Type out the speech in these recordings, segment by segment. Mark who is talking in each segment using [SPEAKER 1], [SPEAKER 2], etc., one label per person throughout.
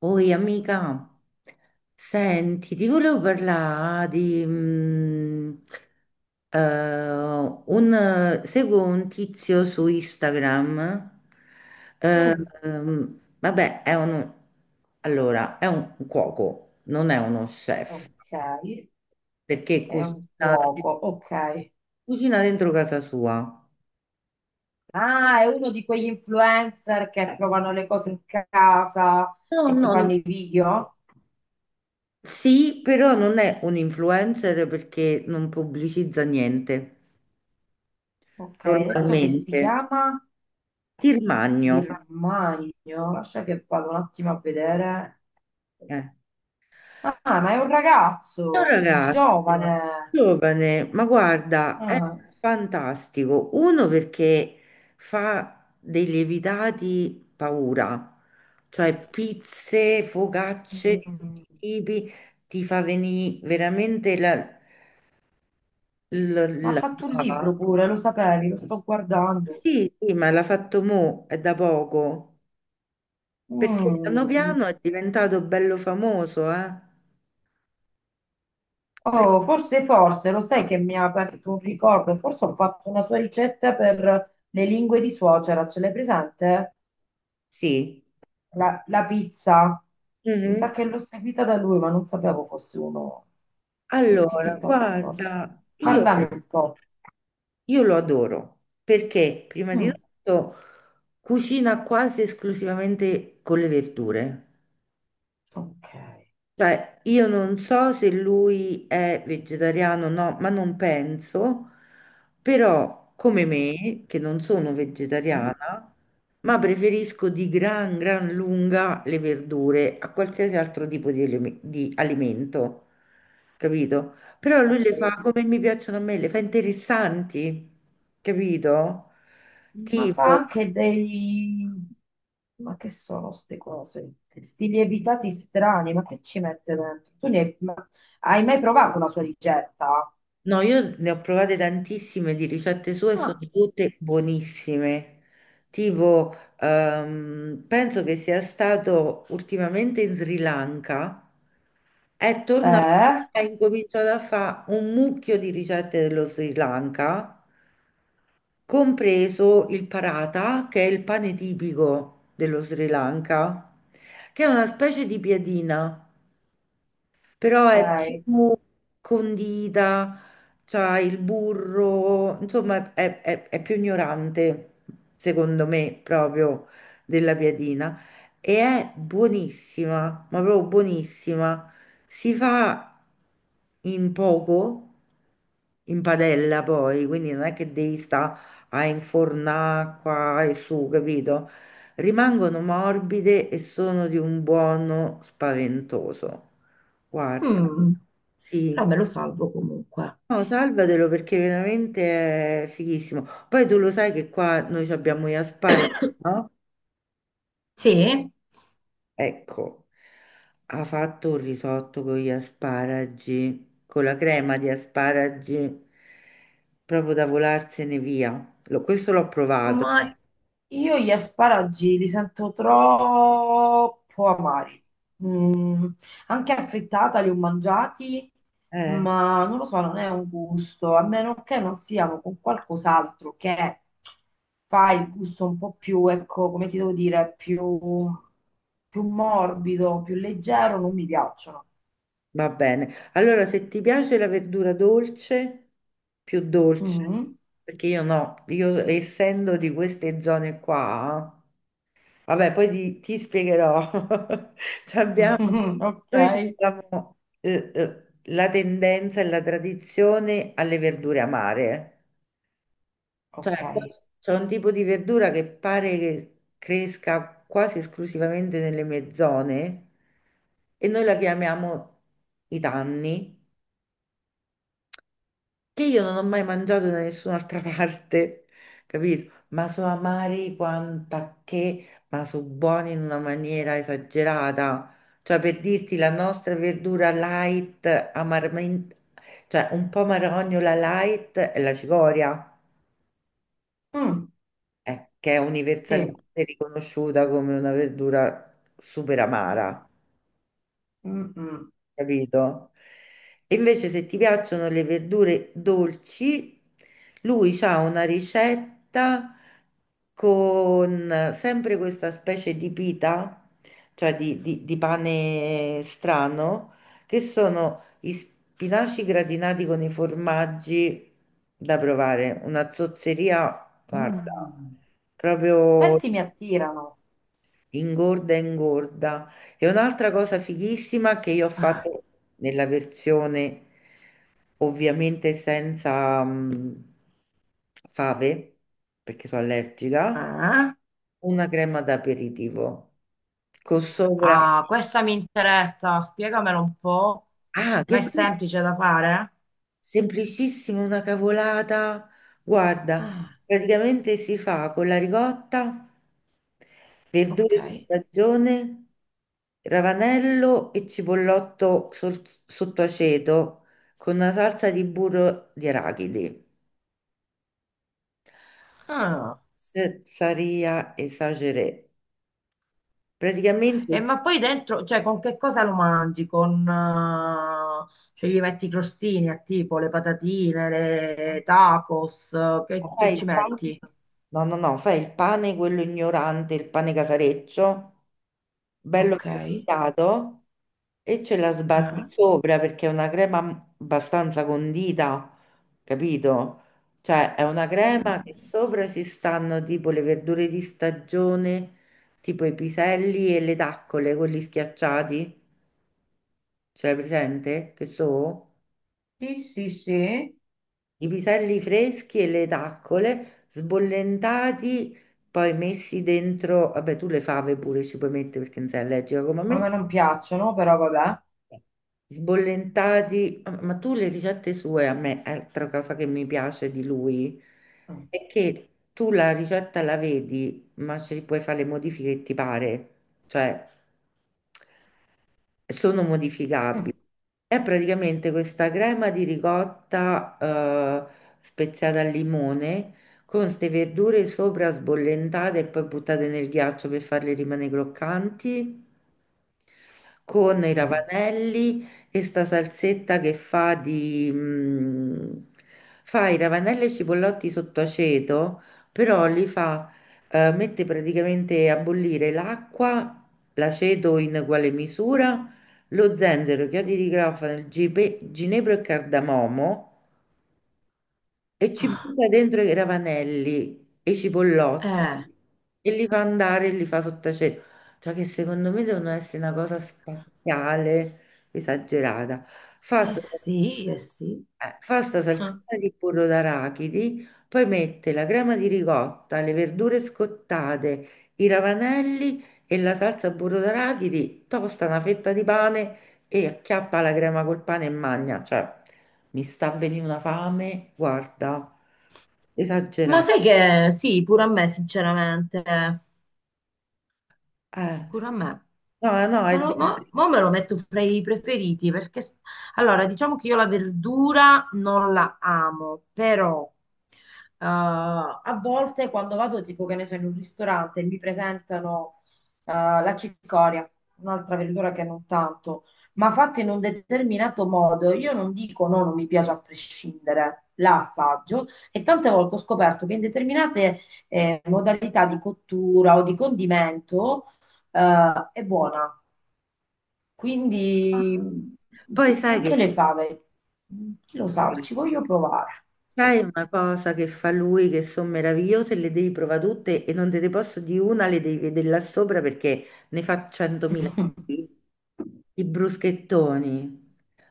[SPEAKER 1] Oi amica, senti, ti volevo parlare di eh, seguo un tizio su Instagram. eh,
[SPEAKER 2] Mm,
[SPEAKER 1] Vabbè, allora, è un cuoco, non è uno chef,
[SPEAKER 2] ok,
[SPEAKER 1] perché
[SPEAKER 2] è un cuoco, ok.
[SPEAKER 1] cucina dentro casa sua.
[SPEAKER 2] Ah, è uno di quegli influencer che provano le cose in casa
[SPEAKER 1] No,
[SPEAKER 2] e ti fanno
[SPEAKER 1] no,
[SPEAKER 2] i video.
[SPEAKER 1] sì, però non è un influencer perché non pubblicizza niente
[SPEAKER 2] Ok, hai detto che si
[SPEAKER 1] normalmente.
[SPEAKER 2] chiama
[SPEAKER 1] Tirmagno,
[SPEAKER 2] Tirmagno. Lascia che vado un attimo a vedere.
[SPEAKER 1] eh.
[SPEAKER 2] Ah, ma è un
[SPEAKER 1] È un
[SPEAKER 2] ragazzo, è
[SPEAKER 1] ragazzo
[SPEAKER 2] giovane.
[SPEAKER 1] giovane, ma guarda, è
[SPEAKER 2] Ah,
[SPEAKER 1] fantastico. Uno perché fa dei lievitati paura, cioè pizze, focacce di tutti
[SPEAKER 2] mm.
[SPEAKER 1] i tipi, ti fa venire veramente
[SPEAKER 2] Ma ha
[SPEAKER 1] la
[SPEAKER 2] fatto un
[SPEAKER 1] bava.
[SPEAKER 2] libro pure, lo sapevi, lo sto guardando.
[SPEAKER 1] Sì, sì, ma l'ha fatto mo, è da poco, perché piano
[SPEAKER 2] Mm.
[SPEAKER 1] piano è diventato bello famoso, eh? Per-
[SPEAKER 2] Oh, forse, lo sai che mi ha aperto un ricordo, forse ho fatto una sua ricetta per le lingue di suocera, ce l'hai presente?
[SPEAKER 1] Sì.
[SPEAKER 2] La pizza. Mi
[SPEAKER 1] Mhm.
[SPEAKER 2] sa che l'ho seguita da lui, ma non sapevo fosse uno su
[SPEAKER 1] Allora,
[SPEAKER 2] TikTok, forse.
[SPEAKER 1] guarda,
[SPEAKER 2] Ah, parlami ok, un po'.
[SPEAKER 1] io lo adoro perché prima di
[SPEAKER 2] Mm,
[SPEAKER 1] tutto cucina quasi esclusivamente con le verdure.
[SPEAKER 2] ok.
[SPEAKER 1] Cioè, io non so se lui è vegetariano o no, ma non penso, però come me, che non sono vegetariana, ma preferisco di gran lunga le verdure a qualsiasi altro tipo di alimento, capito? Però lui
[SPEAKER 2] Ok.
[SPEAKER 1] le fa come mi piacciono a me, le fa interessanti, capito?
[SPEAKER 2] Ma fa
[SPEAKER 1] Tipo,
[SPEAKER 2] anche dei... Ma che sono queste cose? Sti lievitati strani, ma che ci mette dentro? Tu ne hai, ma hai mai provato una sua ricetta?
[SPEAKER 1] no, io ne ho provate tantissime di ricette sue, e sono
[SPEAKER 2] Ah,
[SPEAKER 1] tutte buonissime. Tipo, penso che sia stato ultimamente in Sri Lanka, è tornato e
[SPEAKER 2] eh,
[SPEAKER 1] ha incominciato a fare un mucchio di ricette dello Sri Lanka, compreso il parata, che è il pane tipico dello Sri Lanka, che è una specie di piadina però è
[SPEAKER 2] ok.
[SPEAKER 1] più condita, c'ha il burro, insomma è più ignorante, secondo me, proprio della piadina. E è buonissima, ma proprio buonissima. Si fa in poco, in padella poi, quindi non è che devi stare a infornare qua e su, capito? Rimangono morbide e sono di un buono spaventoso. Guarda,
[SPEAKER 2] Mm, però
[SPEAKER 1] sì.
[SPEAKER 2] me lo salvo comunque.
[SPEAKER 1] No, salvatelo perché veramente è fighissimo. Poi tu lo sai che qua noi ci abbiamo gli asparagi, no?
[SPEAKER 2] Sì,
[SPEAKER 1] Ecco, ha fatto un risotto con gli asparagi, con la crema di asparagi, proprio da volarsene via. Questo l'ho provato.
[SPEAKER 2] ma io gli asparagi li sento troppo amari. Mm, anche affrittata li ho mangiati,
[SPEAKER 1] Eh,
[SPEAKER 2] ma non lo so, non è un gusto, a meno che non siano con qualcos'altro che fa il gusto un po' più, ecco, come ti devo dire, più, più morbido, più leggero, non mi piacciono.
[SPEAKER 1] va bene. Allora, se ti piace la verdura dolce, più dolce,
[SPEAKER 2] Mm.
[SPEAKER 1] perché io no, io essendo di queste zone qua. Vabbè, poi ti spiegherò. Cioè abbiamo,
[SPEAKER 2] Ok,
[SPEAKER 1] noi ci abbiamo la tendenza e la tradizione alle verdure amare. Eh.
[SPEAKER 2] ok.
[SPEAKER 1] Cioè, qua c'è un tipo di verdura che pare che cresca quasi esclusivamente nelle mie zone e noi la chiamiamo i tanni, che io non ho mai mangiato da nessun'altra parte, capito? Ma sono amari quanta che, ma sono buoni in una maniera esagerata. Cioè, per dirti, la nostra verdura light, amaramente, cioè un po' marognola light, è la cicoria,
[SPEAKER 2] Mm,
[SPEAKER 1] che è
[SPEAKER 2] sì.
[SPEAKER 1] universalmente riconosciuta come una verdura super amara.
[SPEAKER 2] Mm, mm,
[SPEAKER 1] Capito? E invece se ti piacciono le verdure dolci, lui ha una ricetta con sempre questa specie di pita, cioè di pane strano, che sono gli spinaci gratinati con i formaggi da provare, una zozzeria, guarda,
[SPEAKER 2] mm.
[SPEAKER 1] proprio...
[SPEAKER 2] Questi mi attirano.
[SPEAKER 1] Ingorda, ingorda. E un'altra cosa fighissima che io ho
[SPEAKER 2] Eh?
[SPEAKER 1] fatto nella versione ovviamente senza fave, perché sono allergica,
[SPEAKER 2] Ah, eh?
[SPEAKER 1] una crema d'aperitivo con sopra...
[SPEAKER 2] Ah, questa mi interessa, spiegamelo un po'.
[SPEAKER 1] Ah,
[SPEAKER 2] Ma è semplice da fare?
[SPEAKER 1] semplicissima, una cavolata. Guarda,
[SPEAKER 2] Ah,
[SPEAKER 1] praticamente si fa con la ricotta.
[SPEAKER 2] ok.
[SPEAKER 1] Verdure di stagione, ravanello e cipollotto sotto aceto con una salsa di burro di arachidi.
[SPEAKER 2] Ah.
[SPEAKER 1] Cezzaria esageré. Praticamente
[SPEAKER 2] E
[SPEAKER 1] si-
[SPEAKER 2] ma poi dentro, cioè con che cosa lo mangi? Con, cioè gli metti i crostini a tipo le patatine, le tacos, che
[SPEAKER 1] Fai
[SPEAKER 2] ci
[SPEAKER 1] il pane,
[SPEAKER 2] metti?
[SPEAKER 1] no, no, no, fai il pane quello ignorante, il pane casareccio, bello
[SPEAKER 2] Ok.
[SPEAKER 1] pescato e ce la sbatti
[SPEAKER 2] Ah.
[SPEAKER 1] sopra perché è una crema abbastanza condita, capito? Cioè è una crema che sopra ci stanno tipo le verdure di stagione, tipo i piselli e le taccole, quelli schiacciati, ce l'hai presente? Che so?
[SPEAKER 2] Sì, sì, sì,
[SPEAKER 1] I piselli freschi e le taccole sbollentati, poi messi dentro, vabbè tu le fave pure ci puoi mettere perché non sei allergica come
[SPEAKER 2] ma a
[SPEAKER 1] me,
[SPEAKER 2] me non piacciono, però vabbè.
[SPEAKER 1] sbollentati, ma tu le ricette sue a me, è altra cosa che mi piace di lui, è che tu la ricetta la vedi, ma ci puoi fare le modifiche che ti pare, cioè sono
[SPEAKER 2] Mm.
[SPEAKER 1] modificabili. È praticamente questa crema di ricotta, speziata al limone con queste verdure sopra sbollentate e poi buttate nel ghiaccio per farle rimanere croccanti con i
[SPEAKER 2] Mm.
[SPEAKER 1] ravanelli e sta salsetta che fa di... fa i ravanelli e i cipollotti sotto aceto, però li fa, mette praticamente a bollire l'acqua, l'aceto in uguale misura, lo zenzero, chiodi di garofano, il ginepro e cardamomo e ci butta dentro i ravanelli e i cipollotti
[SPEAKER 2] Eh,
[SPEAKER 1] e li fa andare e li fa sott'acido. Cioè che secondo me devono essere una cosa spaziale, esagerata. Fa
[SPEAKER 2] eh
[SPEAKER 1] sto-
[SPEAKER 2] sì, eh sì.
[SPEAKER 1] eh, fa sta salsina di burro d'arachidi, poi mette la crema di ricotta, le verdure scottate, i ravanelli e la salsa burro d'arachidi, tosta una fetta di pane e acchiappa la crema col pane e magna. Cioè, mi sta venendo una fame, guarda,
[SPEAKER 2] Ma
[SPEAKER 1] esagerato.
[SPEAKER 2] sai che sì, pure a me, sinceramente.
[SPEAKER 1] Eh,
[SPEAKER 2] Pure a me.
[SPEAKER 1] no, no,
[SPEAKER 2] Ma,
[SPEAKER 1] è...
[SPEAKER 2] lo- ma- mo me lo metto fra i preferiti perché s- allora diciamo che io la verdura non la amo, però a volte quando vado tipo che ne so in un ristorante e mi presentano la cicoria, un'altra verdura che non tanto, ma fatta in un determinato modo, io non dico no, non mi piace a prescindere, la assaggio e tante volte ho scoperto che in determinate modalità di cottura o di condimento è buona. Quindi
[SPEAKER 1] Poi sai
[SPEAKER 2] anche
[SPEAKER 1] che...
[SPEAKER 2] le fave, chi lo sa, ci voglio provare.
[SPEAKER 1] Sai una cosa che fa lui che sono meravigliose, le devi provare tutte e non te ne posso di una, le devi vedere là sopra perché ne fa 100.000 tipi. I bruschettoni.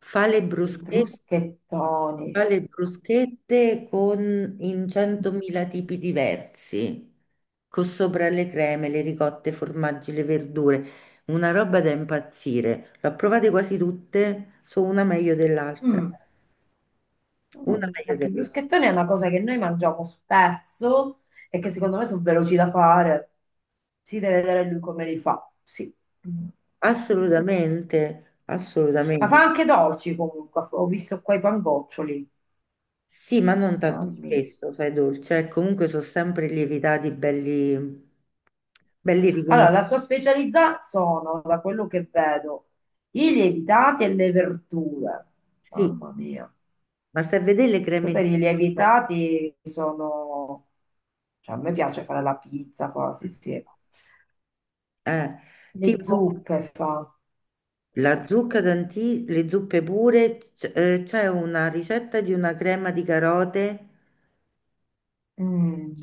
[SPEAKER 1] Fa le
[SPEAKER 2] I
[SPEAKER 1] bruschette,
[SPEAKER 2] bruschettoni.
[SPEAKER 1] fa le bruschette con, in 100.000 tipi diversi, con sopra le creme, le ricotte, i formaggi, le verdure. Una roba da impazzire. L'ho provate quasi tutte, sono una meglio dell'altra.
[SPEAKER 2] Mm,
[SPEAKER 1] Una
[SPEAKER 2] mm,
[SPEAKER 1] meglio
[SPEAKER 2] perché i
[SPEAKER 1] dell'altra.
[SPEAKER 2] bruschettoni è una cosa che noi mangiamo spesso e che secondo me sono veloci da fare. Si deve vedere lui come li fa. Sì. Mm.
[SPEAKER 1] Assolutamente,
[SPEAKER 2] Ma fa
[SPEAKER 1] assolutamente.
[SPEAKER 2] anche dolci comunque. Ho visto qua i pangoccioli.
[SPEAKER 1] Sì, ma non tanto
[SPEAKER 2] Gnammi.
[SPEAKER 1] spesso, sai, dolce. Eh, comunque sono sempre lievitati belli, belli
[SPEAKER 2] Allora,
[SPEAKER 1] riconosciuti.
[SPEAKER 2] la sua specialità sono, da quello che vedo, i lievitati e le verdure.
[SPEAKER 1] Sì,
[SPEAKER 2] Mamma mia.
[SPEAKER 1] ma stai a vedere le
[SPEAKER 2] Poi
[SPEAKER 1] creme di
[SPEAKER 2] per i
[SPEAKER 1] zucca,
[SPEAKER 2] lievitati sono... Cioè, a me piace fare la pizza, quasi, sì.
[SPEAKER 1] eh,
[SPEAKER 2] Le
[SPEAKER 1] tipo
[SPEAKER 2] zuppe fa.
[SPEAKER 1] la zucca d'anti, le zuppe pure, c'è una ricetta di una crema di carote.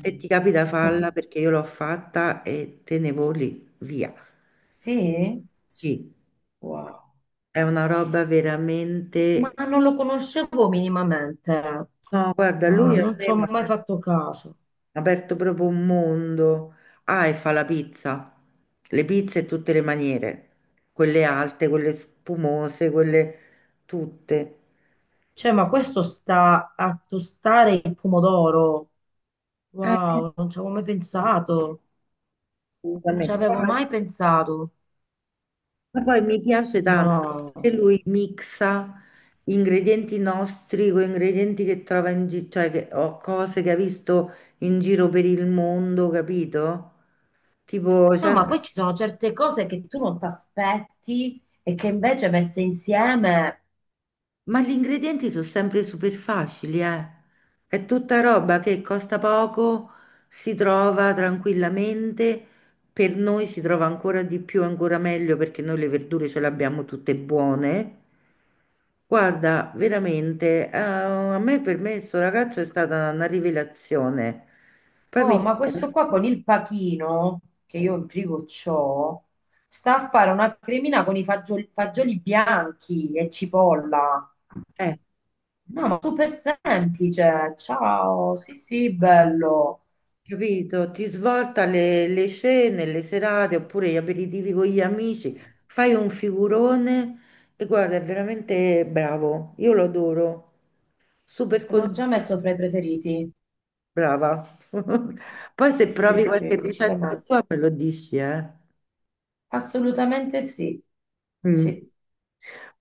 [SPEAKER 1] Se ti capita falla perché io l'ho fatta e te ne voli via.
[SPEAKER 2] Sì?
[SPEAKER 1] Sì,
[SPEAKER 2] Wow.
[SPEAKER 1] è una roba
[SPEAKER 2] Ma
[SPEAKER 1] veramente
[SPEAKER 2] non lo conoscevo minimamente.
[SPEAKER 1] no, guarda,
[SPEAKER 2] Ah,
[SPEAKER 1] lui a
[SPEAKER 2] non ci
[SPEAKER 1] me
[SPEAKER 2] ho
[SPEAKER 1] mi
[SPEAKER 2] mai
[SPEAKER 1] ha
[SPEAKER 2] fatto caso.
[SPEAKER 1] aperto proprio un mondo. Ah, e fa la pizza, le pizze in tutte le maniere, quelle alte, quelle spumose, quelle tutte.
[SPEAKER 2] Cioè, ma questo sta a tostare il pomodoro.
[SPEAKER 1] Eh,
[SPEAKER 2] Wow, non ci avevo mai pensato, non ci
[SPEAKER 1] assolutamente. Eh, ma
[SPEAKER 2] avevo mai pensato.
[SPEAKER 1] ma poi mi piace
[SPEAKER 2] Ma...
[SPEAKER 1] tanto che lui mixa ingredienti nostri con ingredienti che trova in giro, cioè che, o cose che ha visto in giro per il mondo, capito? Tipo,
[SPEAKER 2] No,
[SPEAKER 1] c'è una
[SPEAKER 2] ma poi ci sono certe cose che tu non ti aspetti e che invece messe insieme.
[SPEAKER 1] ma gli ingredienti sono sempre super facili, eh. È tutta roba che costa poco, si trova tranquillamente, per noi si trova ancora di più, ancora meglio perché noi le verdure ce le abbiamo tutte buone. Guarda, veramente, a me per me sto ragazzo è stata una rivelazione. Poi
[SPEAKER 2] Oh,
[SPEAKER 1] mi...
[SPEAKER 2] ma questo qua con il pachino, che io in frigo c'ho, sta a fare una cremina con i fagioli, fagioli bianchi e cipolla.
[SPEAKER 1] Eh,
[SPEAKER 2] No, ma super semplice. Ciao, sì, sì, bello.
[SPEAKER 1] capito? Ti svolta le cene, le serate oppure gli aperitivi con gli amici, fai un figurone e guarda, è veramente bravo. Io lo adoro. Super
[SPEAKER 2] L'ho
[SPEAKER 1] consiglio.
[SPEAKER 2] già messo fra i preferiti.
[SPEAKER 1] Brava. Poi se
[SPEAKER 2] Sì,
[SPEAKER 1] provi
[SPEAKER 2] sì, sì,
[SPEAKER 1] qualche ricetta
[SPEAKER 2] decisamente.
[SPEAKER 1] sua me lo dici, eh?
[SPEAKER 2] Assolutamente sì.
[SPEAKER 1] Mm,
[SPEAKER 2] Sì.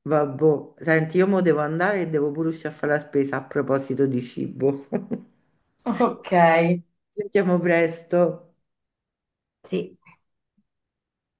[SPEAKER 1] vabbò. Senti, io mo devo andare e devo pure uscire a fare la spesa a proposito di cibo.
[SPEAKER 2] Ok.
[SPEAKER 1] Sentiamo presto.
[SPEAKER 2] Sì.